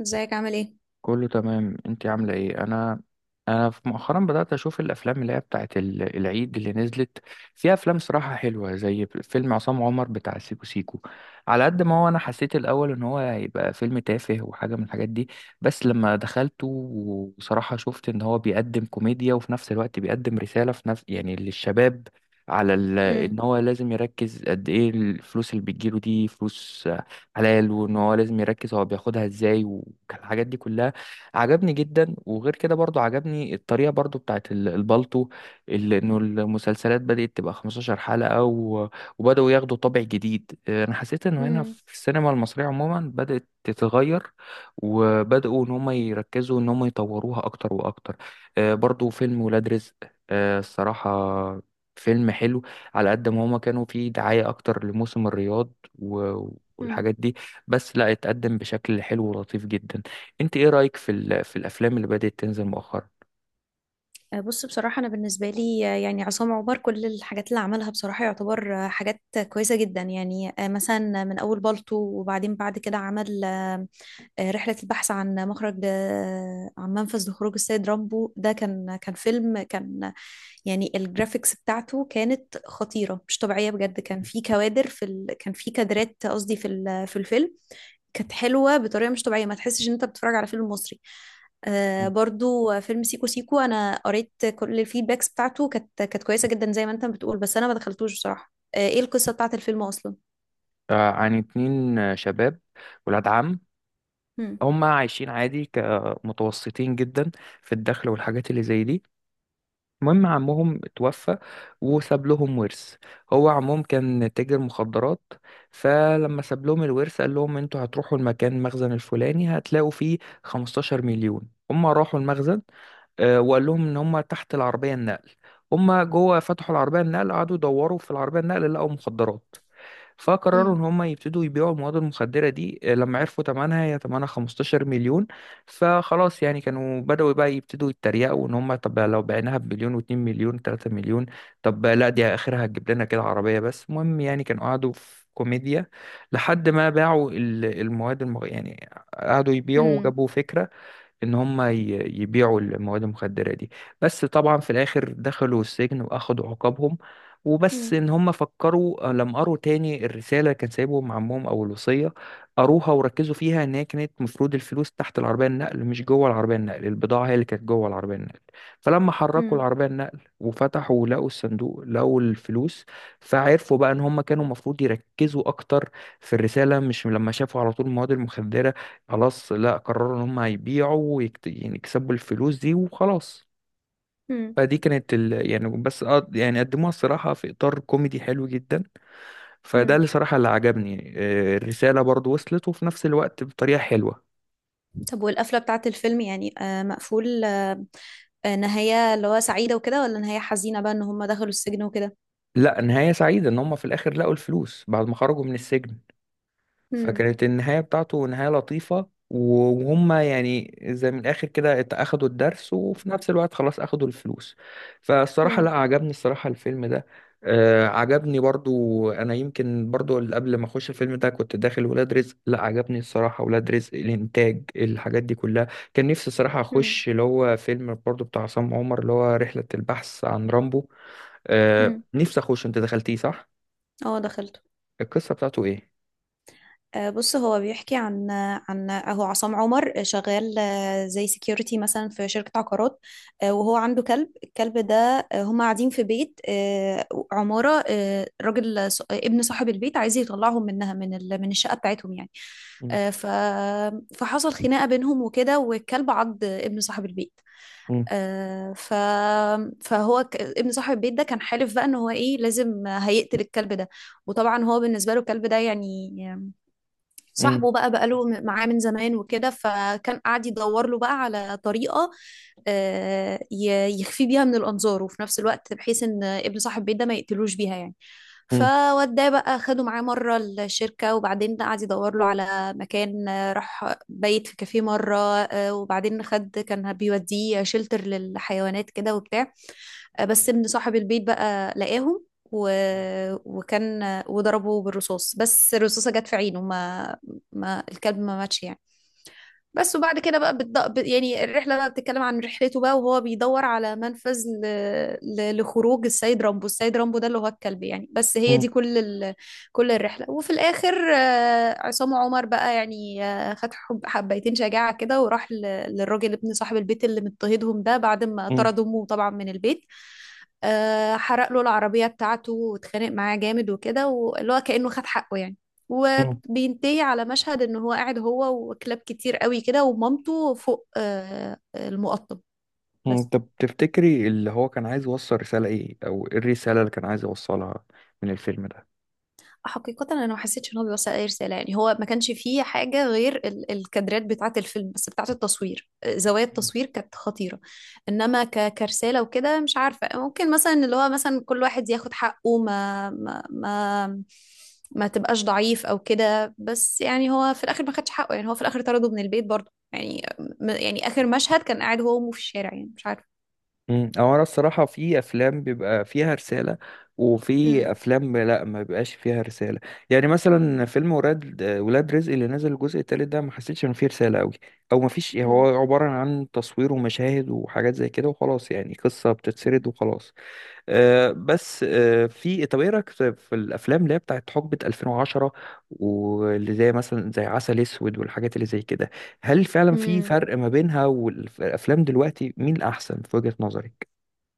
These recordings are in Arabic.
ازيك عامل ايه؟ كله تمام، انت عامله ايه؟ انا انا في مؤخرا بدات اشوف الافلام اللي هي بتاعت العيد اللي نزلت. فيها افلام صراحه حلوه زي فيلم عصام عمر بتاع سيكو سيكو. على قد ما هو، انا حسيت الاول ان هو هيبقى فيلم تافه وحاجه من الحاجات دي. بس لما دخلته وصراحه شفت ان هو بيقدم كوميديا وفي نفس الوقت بيقدم رساله في نفس، يعني، للشباب. على ان مم. هو لازم يركز قد ايه الفلوس اللي بتجيله، دي فلوس حلال، وان هو لازم يركز هو بياخدها ازاي والحاجات دي كلها. عجبني جدا. وغير كده برضو عجبني الطريقة برضو بتاعت البالتو. اللي انه المسلسلات بدأت تبقى 15 حلقة وبدأوا ياخدوا طابع جديد. انا حسيت انه هنا مم. في السينما المصرية عموما بدأت تتغير، وبدأوا ان هم يركزوا ان هم يطوروها اكتر واكتر. برضو فيلم ولاد رزق، الصراحة فيلم حلو. على قد ما هما كانوا فيه دعاية أكتر لموسم الرياض و... مم. والحاجات دي، بس لا، اتقدم بشكل حلو ولطيف جدا. انت ايه رأيك في في الافلام اللي بدأت تنزل مؤخرا؟ بص، بصراحة أنا بالنسبة لي يعني عصام عمر كل الحاجات اللي عملها بصراحة يعتبر حاجات كويسة جدا. يعني مثلا من أول بالطو، وبعدين بعد كده عمل رحلة البحث عن مخرج، عن منفذ لخروج السيد رامبو. ده كان فيلم، كان يعني الجرافيكس بتاعته كانت خطيرة، مش طبيعية بجد. كان في كادرات قصدي في الفيلم كانت حلوة بطريقة مش طبيعية، ما تحسش إن أنت بتتفرج على فيلم مصري. آه مم. برضو فيلم سيكو سيكو، انا قريت كل الفيدباكس بتاعته، كانت كويسه جدا زي ما انت بتقول، بس انا ما دخلتوش بصراحه. آه، ايه القصه بتاعت الفيلم اصلا؟ عن اتنين، شباب، ولاد عم. مم. هما عايشين عادي كمتوسطين جدا في الدخل والحاجات اللي زي دي. المهم عمهم توفى وساب لهم ورث. هو عمهم كان تاجر مخدرات. فلما ساب لهم الورث قال لهم انتوا هتروحوا المكان المخزن الفلاني، هتلاقوا فيه 15 مليون. هما راحوا المخزن. وقال لهم ان هم تحت العربيه النقل. هم جوه فتحوا العربيه النقل، قعدوا يدوروا في العربيه النقل لقوا مخدرات. فقرروا ان مم. هم يبتدوا يبيعوا المواد المخدره دي. لما عرفوا ثمنها، هي ثمنها 15 مليون. فخلاص يعني كانوا بدأوا بقى يبتدوا يتريقوا ان هم طب لو بعناها بمليون و2 مليون 3 مليون. طب لا، دي اخرها هتجيب لنا كده عربيه. بس المهم يعني كانوا قعدوا في كوميديا لحد ما باعوا المواد يعني قعدوا يبيعوا مم. وجابوا فكره ان هم يبيعوا المواد المخدرة دي. بس طبعا في الاخر دخلوا السجن واخدوا عقابهم، وبس مم. ان هم فكروا لما قروا تاني الرسالة اللي كان سايبهم عمهم او الوصية. قروها وركزوا فيها ان هي كانت مفروض الفلوس تحت العربية النقل، مش جوه العربية النقل، البضاعة هي اللي كانت جوه العربية النقل. فلما حركوا مم. العربية النقل وفتحوا ولقوا الصندوق لقوا الفلوس. فعرفوا بقى ان هم كانوا المفروض يركزوا اكتر في الرسالة، مش لما شافوا على طول المواد المخدرة. خلاص لا، قرروا ان هم هيبيعوا يعني يكسبوا الفلوس دي وخلاص. مم. فدي كانت يعني بس يعني قدموها الصراحة في إطار كوميدي حلو جدا. فده مم. اللي صراحة اللي عجبني. الرسالة برضو وصلت، وفي نفس الوقت بطريقة حلوة. طب والقفله بتاعت الفيلم؟ يعني آه، مقفول نهايه اللي هو سعيده وكده، ولا نهايه حزينه بقى ان هم دخلوا السجن وكده؟ لا، نهاية سعيدة، ان هم في الآخر لقوا الفلوس بعد ما خرجوا من السجن. مم. فكانت النهاية بتاعته نهاية لطيفة، وهم يعني زي من الآخر كده أخدوا الدرس، وفي نفس الوقت خلاص أخدوا الفلوس. فالصراحة لا مم. عجبني الصراحة الفيلم ده. عجبني برضو. أنا يمكن برضو قبل ما أخش الفيلم ده كنت داخل ولاد رزق، لا عجبني الصراحة ولاد رزق، الإنتاج الحاجات دي كلها. كان نفسي الصراحة مم. أخش اللي هو فيلم برضو بتاع عصام عمر اللي هو رحلة البحث عن رامبو. آه، مم. نفسي أخش. أنت دخلتيه صح؟ اه، دخلت. القصة بتاعته إيه؟ بص، هو بيحكي عن عن اهو عصام عمر شغال زي سيكيورتي مثلا في شركة عقارات، وهو عنده كلب. الكلب ده هما قاعدين في بيت، عمارة، راجل ابن صاحب البيت عايز يطلعهم منها، من الشقة بتاعتهم يعني. مم. آه، ف فحصل خناقة بينهم وكده، والكلب عض ابن صاحب البيت. مم. آه، ف فهو ابن صاحب البيت ده كان حالف بقى ان هو ايه، لازم هيقتل الكلب ده. وطبعا هو بالنسبة له الكلب ده يعني مم. صاحبه بقى، بقاله معاه من زمان وكده، فكان قاعد يدور له بقى على طريقة يخفي بيها من الأنظار، وفي نفس الوقت بحيث إن ابن صاحب البيت ده ما يقتلوش بيها يعني. فوداه بقى، خده معاه مرة الشركة، وبعدين قعد يدور له على مكان، راح بيت في كافيه مرة، وبعدين خد، كان بيوديه شلتر للحيوانات كده وبتاع. بس ابن صاحب البيت بقى لقاهم و... مم. وكان وضربه بالرصاص، بس الرصاصة جت في عينه، ما الكلب ما ماتش يعني. بس وبعد كده بقى يعني الرحلة بقى بتتكلم عن رحلته بقى، وهو بيدور على منفذ لخروج السيد رامبو. السيد رامبو ده اللي هو الكلب يعني، بس هي مم. دي كل الرحلة. وفي الآخر عصام عمر بقى يعني خد حبيتين شجاعة كده، وراح للراجل ابن صاحب البيت اللي مضطهدهم ده، بعد ما مم. طرد أمه طبعا من البيت. حرق له العربية بتاعته، واتخانق معاه جامد وكده، واللي هو كأنه خد حقه يعني. و... مم. بينتهي على مشهد ان هو قاعد هو وكلاب كتير قوي كده، ومامته فوق المقطم. مم. بس طب تفتكري اللي هو كان عايز يوصل رسالة ايه، او ايه الرسالة اللي كان عايز يوصلها من الفيلم ده؟ حقيقة أنا ما حسيتش إن هو بيوصل أي رسالة يعني. هو ما كانش فيه حاجة غير الكادرات بتاعة الفيلم بس، بتاعة التصوير، زوايا مم. التصوير كانت خطيرة. إنما كرسالة وكده مش عارفة، ممكن مثلا اللي هو مثلا كل واحد ياخد حقه، ما ما تبقاش ضعيف أو كده. بس يعني هو في الآخر ما خدش حقه يعني، هو في الآخر طرده من البيت برضه يعني. يعني آخر مشهد كان قاعد هو وأمه في الشارع يعني، مش عارفة. مم. او انا الصراحة، في افلام بيبقى فيها رسالة، وفي امم. افلام لا، ما بيبقاش فيها رسالة. يعني مثلا فيلم ولاد رزق اللي نزل الجزء التالت ده، ما حسيتش ان فيه رسالة قوي، او ما فيش، هو عبارة عن تصوير ومشاهد وحاجات زي كده وخلاص، يعني قصة بتتسرد وخلاص. آه، بس آه، في طب ايه رايك في الافلام اللي هي بتاعت حقبه 2010، واللي زي مثلا زي عسل اسود والحاجات اللي زي كده؟ هل فعلا في مم. فرق ما بينها والافلام دلوقتي؟ مين الاحسن في وجهه نظرك؟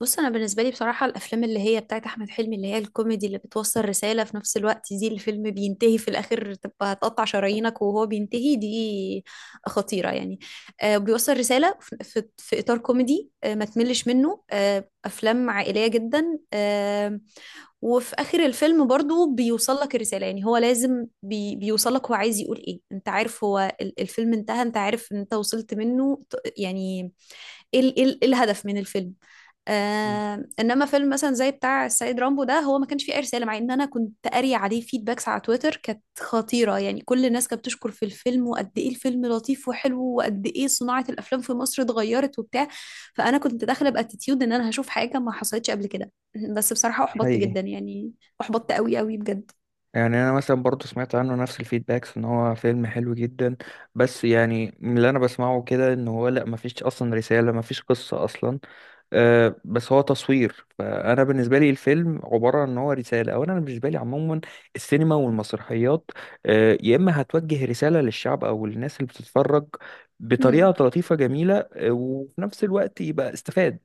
بص، انا بالنسبه لي بصراحه، الافلام اللي هي بتاعت احمد حلمي، اللي هي الكوميدي اللي بتوصل رساله في نفس الوقت، دي الفيلم بينتهي في الاخر تبقى هتقطع شرايينك وهو بينتهي، دي خطيره يعني. آه، بيوصل رساله في اطار كوميدي، آه ما تملش منه، آه افلام عائليه جدا. آه، وفي اخر الفيلم برضو بيوصل لك الرساله يعني، هو لازم بيوصل لك، هو عايز يقول ايه، انت عارف هو الفيلم انتهى، انت عارف ان انت وصلت منه يعني ايه إيه الهدف من الفيلم. مم. آه، انما فيلم مثلا زي بتاع السيد رامبو ده، هو ما كانش فيه اي رساله، مع ان انا كنت قاري عليه فيدباكس على تويتر كانت خطيره يعني. كل الناس كانت بتشكر في الفيلم، وقد ايه الفيلم لطيف وحلو، وقد ايه صناعه الافلام في مصر اتغيرت وبتاع. فانا كنت داخله باتيتيود ان انا هشوف حاجه ما حصلتش قبل كده، بس بصراحه احبطت حقيقي. جدا يعني. احبطت قوي قوي بجد. يعني انا مثلا برضو سمعت عنه نفس الفيدباكس ان هو فيلم حلو جدا. بس يعني من اللي انا بسمعه كده ان هو لا، مفيش اصلا رسالة، مفيش قصة اصلا. بس هو تصوير. فانا بالنسبه لي الفيلم عباره عن ان هو رساله. اولا انا بالنسبه لي عموما السينما والمسرحيات، يا اما هتوجه رساله للشعب او للناس اللي بتتفرج بطريقه امم. لطيفه جميله، وفي نفس الوقت يبقى استفاد.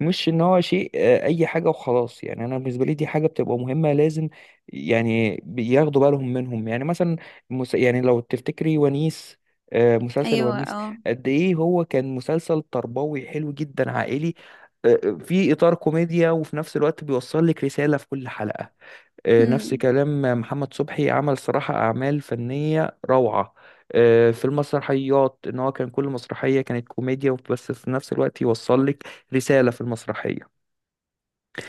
مش ان هو شيء اي حاجه وخلاص، يعني انا بالنسبه لي دي حاجه بتبقى مهمه لازم يعني بياخدوا بالهم منهم. يعني مثلا يعني لو تفتكري ونيس، مسلسل ايوه ونيس. اه. قد ايه هو كان مسلسل تربوي حلو جدا عائلي، في اطار كوميديا وفي نفس الوقت بيوصل لك رساله في كل حلقه. نفس هم. كلام محمد صبحي، عمل صراحه اعمال فنيه روعه. في المسرحيات ان هو كان كل مسرحيه كانت كوميديا بس في نفس الوقت يوصل لك رساله في المسرحيه.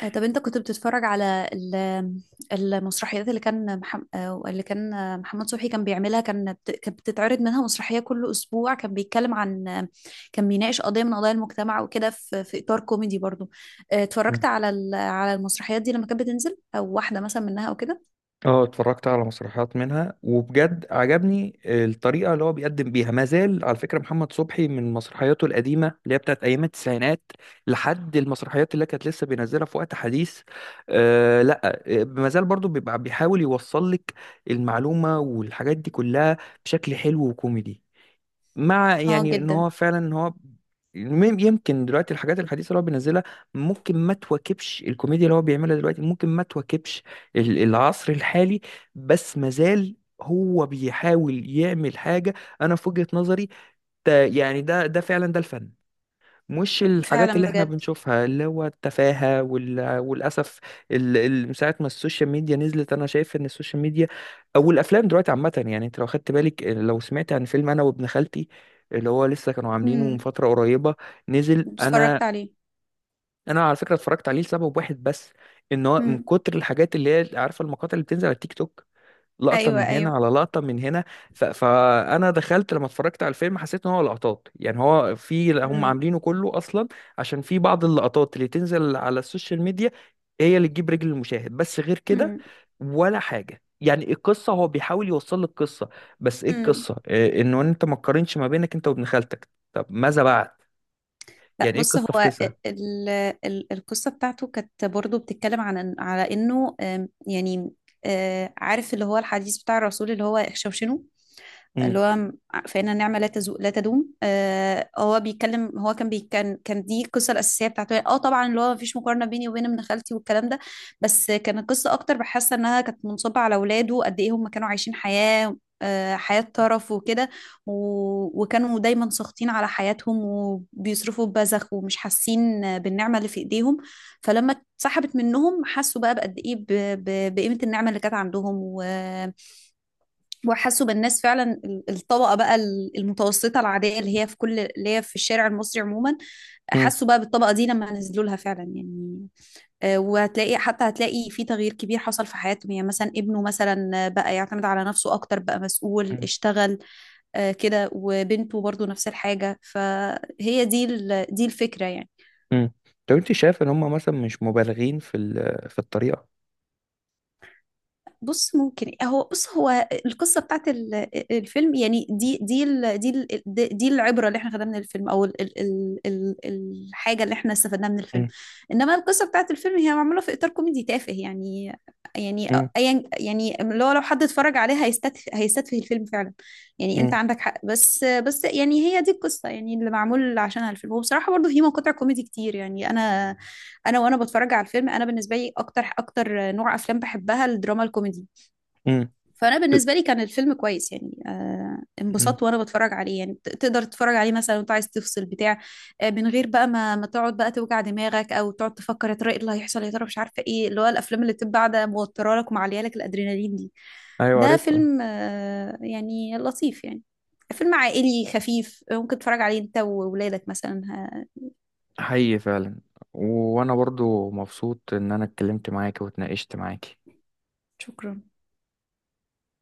طب انت كنت بتتفرج على المسرحيات اللي كان محمد، اللي كان محمد صبحي كان بيعملها؟ كان كانت بتتعرض منها مسرحية كل أسبوع، كان بيتكلم عن كان بيناقش قضية من قضايا المجتمع وكده، في في إطار كوميدي برضو. اتفرجت على على المسرحيات دي لما كانت بتنزل، أو واحدة مثلا منها أو كده؟ اه، اتفرجت على مسرحيات منها وبجد عجبني الطريقة اللي هو بيقدم بيها. ما زال على فكرة محمد صبحي من مسرحياته القديمة اللي هي بتاعت أيام التسعينات لحد المسرحيات اللي كانت لسه بينزلها في وقت حديث. لا، ما زال برضو بيبقى بيحاول يوصل لك المعلومة والحاجات دي كلها بشكل حلو وكوميدي، مع اه يعني ان جدا. هو فعلا ان هو... يمكن دلوقتي الحاجات الحديثه اللي هو بينزلها ممكن ما تواكبش الكوميديا اللي هو بيعملها دلوقتي، ممكن ما تواكبش العصر الحالي. بس مازال هو بيحاول يعمل حاجه. انا في وجهه نظري ده، يعني ده فعلا ده الفن، مش الحاجات فعلا اللي احنا بجد. بنشوفها اللي هو التفاهة والأسف. من ساعة ما السوشيال ميديا نزلت، أنا شايف إن السوشيال ميديا أو الأفلام دلوقتي عامة. يعني أنت لو خدت بالك، لو سمعت عن فيلم أنا وابن خالتي اللي هو لسه كانوا عاملينه من امم. فترة قريبة، نزل. أنا اتفرجت عليه. أنا على فكرة اتفرجت عليه لسبب واحد بس، إن هو من امم. كتر الحاجات اللي هي عارفة المقاطع اللي بتنزل على التيك توك، لقطة ايوه من هنا ايوه. على لقطة من هنا. فأنا دخلت لما اتفرجت على الفيلم حسيت إن هو لقطات، يعني هو في هم امم. عاملينه كله أصلا، عشان في بعض اللقطات اللي تنزل على السوشيال ميديا هي اللي تجيب رجل المشاهد، بس غير كده ولا حاجة. يعني القصة، هو بيحاول يوصل لك قصة، بس إيه امم. القصة؟ إيه؟ إنه أنت ما تقارنش ما بينك أنت وابن خالتك؟ طب ماذا بعد؟ لا، يعني إيه بص القصة في هو كده؟ القصة بتاعته كانت برضو بتتكلم عن، على انه يعني عارف اللي هو الحديث بتاع الرسول اللي هو احشوشنوا؟ مم. اللي هو فإن النعمة لا تدوم. آه، هو بيتكلم، هو كان بي... كان كان دي القصة الأساسية بتاعته. اه طبعا، اللي هو مفيش مقارنة بيني وبين ابن خالتي والكلام ده، بس كان القصة أكتر بحاسة إنها كانت منصبة على ولاده، قد إيه هم كانوا عايشين حياة، حياة طرف وكده. و... وكانوا دايما ساخطين على حياتهم، وبيصرفوا ببذخ، ومش حاسين بالنعمة اللي في إيديهم. فلما اتسحبت منهم حسوا بقى بقد إيه بقيمة النعمة اللي كانت عندهم، وحسوا بالناس فعلا، الطبقة بقى المتوسطة العادية، اللي هي في كل، اللي هي في الشارع المصري عموما. مم. حسوا بقى بالطبقة دي لما نزلوا لها فعلا يعني. وهتلاقي، حتى هتلاقي في تغيير كبير حصل في حياتهم يعني، مثلا ابنه مثلا بقى يعتمد على نفسه أكتر، بقى مسؤول، مم. اشتغل كده. وبنته برضو نفس الحاجة، فهي دي دي الفكرة يعني. مم. طب أنت شايف إن هم مثلا مش مبالغين في في الطريقة؟ بص ممكن، هو القصه بتاعت الفيلم يعني، دي دي العبره اللي احنا خدناها من الفيلم، او ال ال ال ال الحاجه اللي احنا استفدناها من الفيلم. مم. انما القصه بتاعت الفيلم هي معموله في اطار كوميدي تافه يعني. يعني مم. ايا يعني، اللي هو لو حد اتفرج عليها هيستتفه الفيلم فعلا يعني. انت عندك حق، بس بس يعني هي دي القصه يعني اللي معمول عشانها الفيلم. وبصراحه برضه في مقاطع كوميدي كتير يعني. انا وانا بتفرج على الفيلم، انا بالنسبه لي اكتر، اكتر نوع افلام بحبها الدراما الكوميدي. مم. فانا بالنسبه لي كان الفيلم كويس يعني. آه، مم. انبسطت وانا بتفرج عليه يعني، تقدر تتفرج عليه مثلا وانت عايز تفصل بتاع آه، من غير بقى ما تقعد بقى توجع دماغك، او تقعد تفكر يا ترى ايه اللي هيحصل، يا ترى، مش عارفه ايه، اللي هو الافلام اللي بتبقى قاعده موتره لك ومعليه لك الادرينالين دي. ايوه، ده عارفها. فيلم آه يعني لطيف يعني، فيلم عائلي خفيف، ممكن تتفرج عليه انت وولادك مثلا. آه، حقيقي فعلا. وانا برضو مبسوط ان انا اتكلمت معاكي واتناقشت معاكي. شكرا.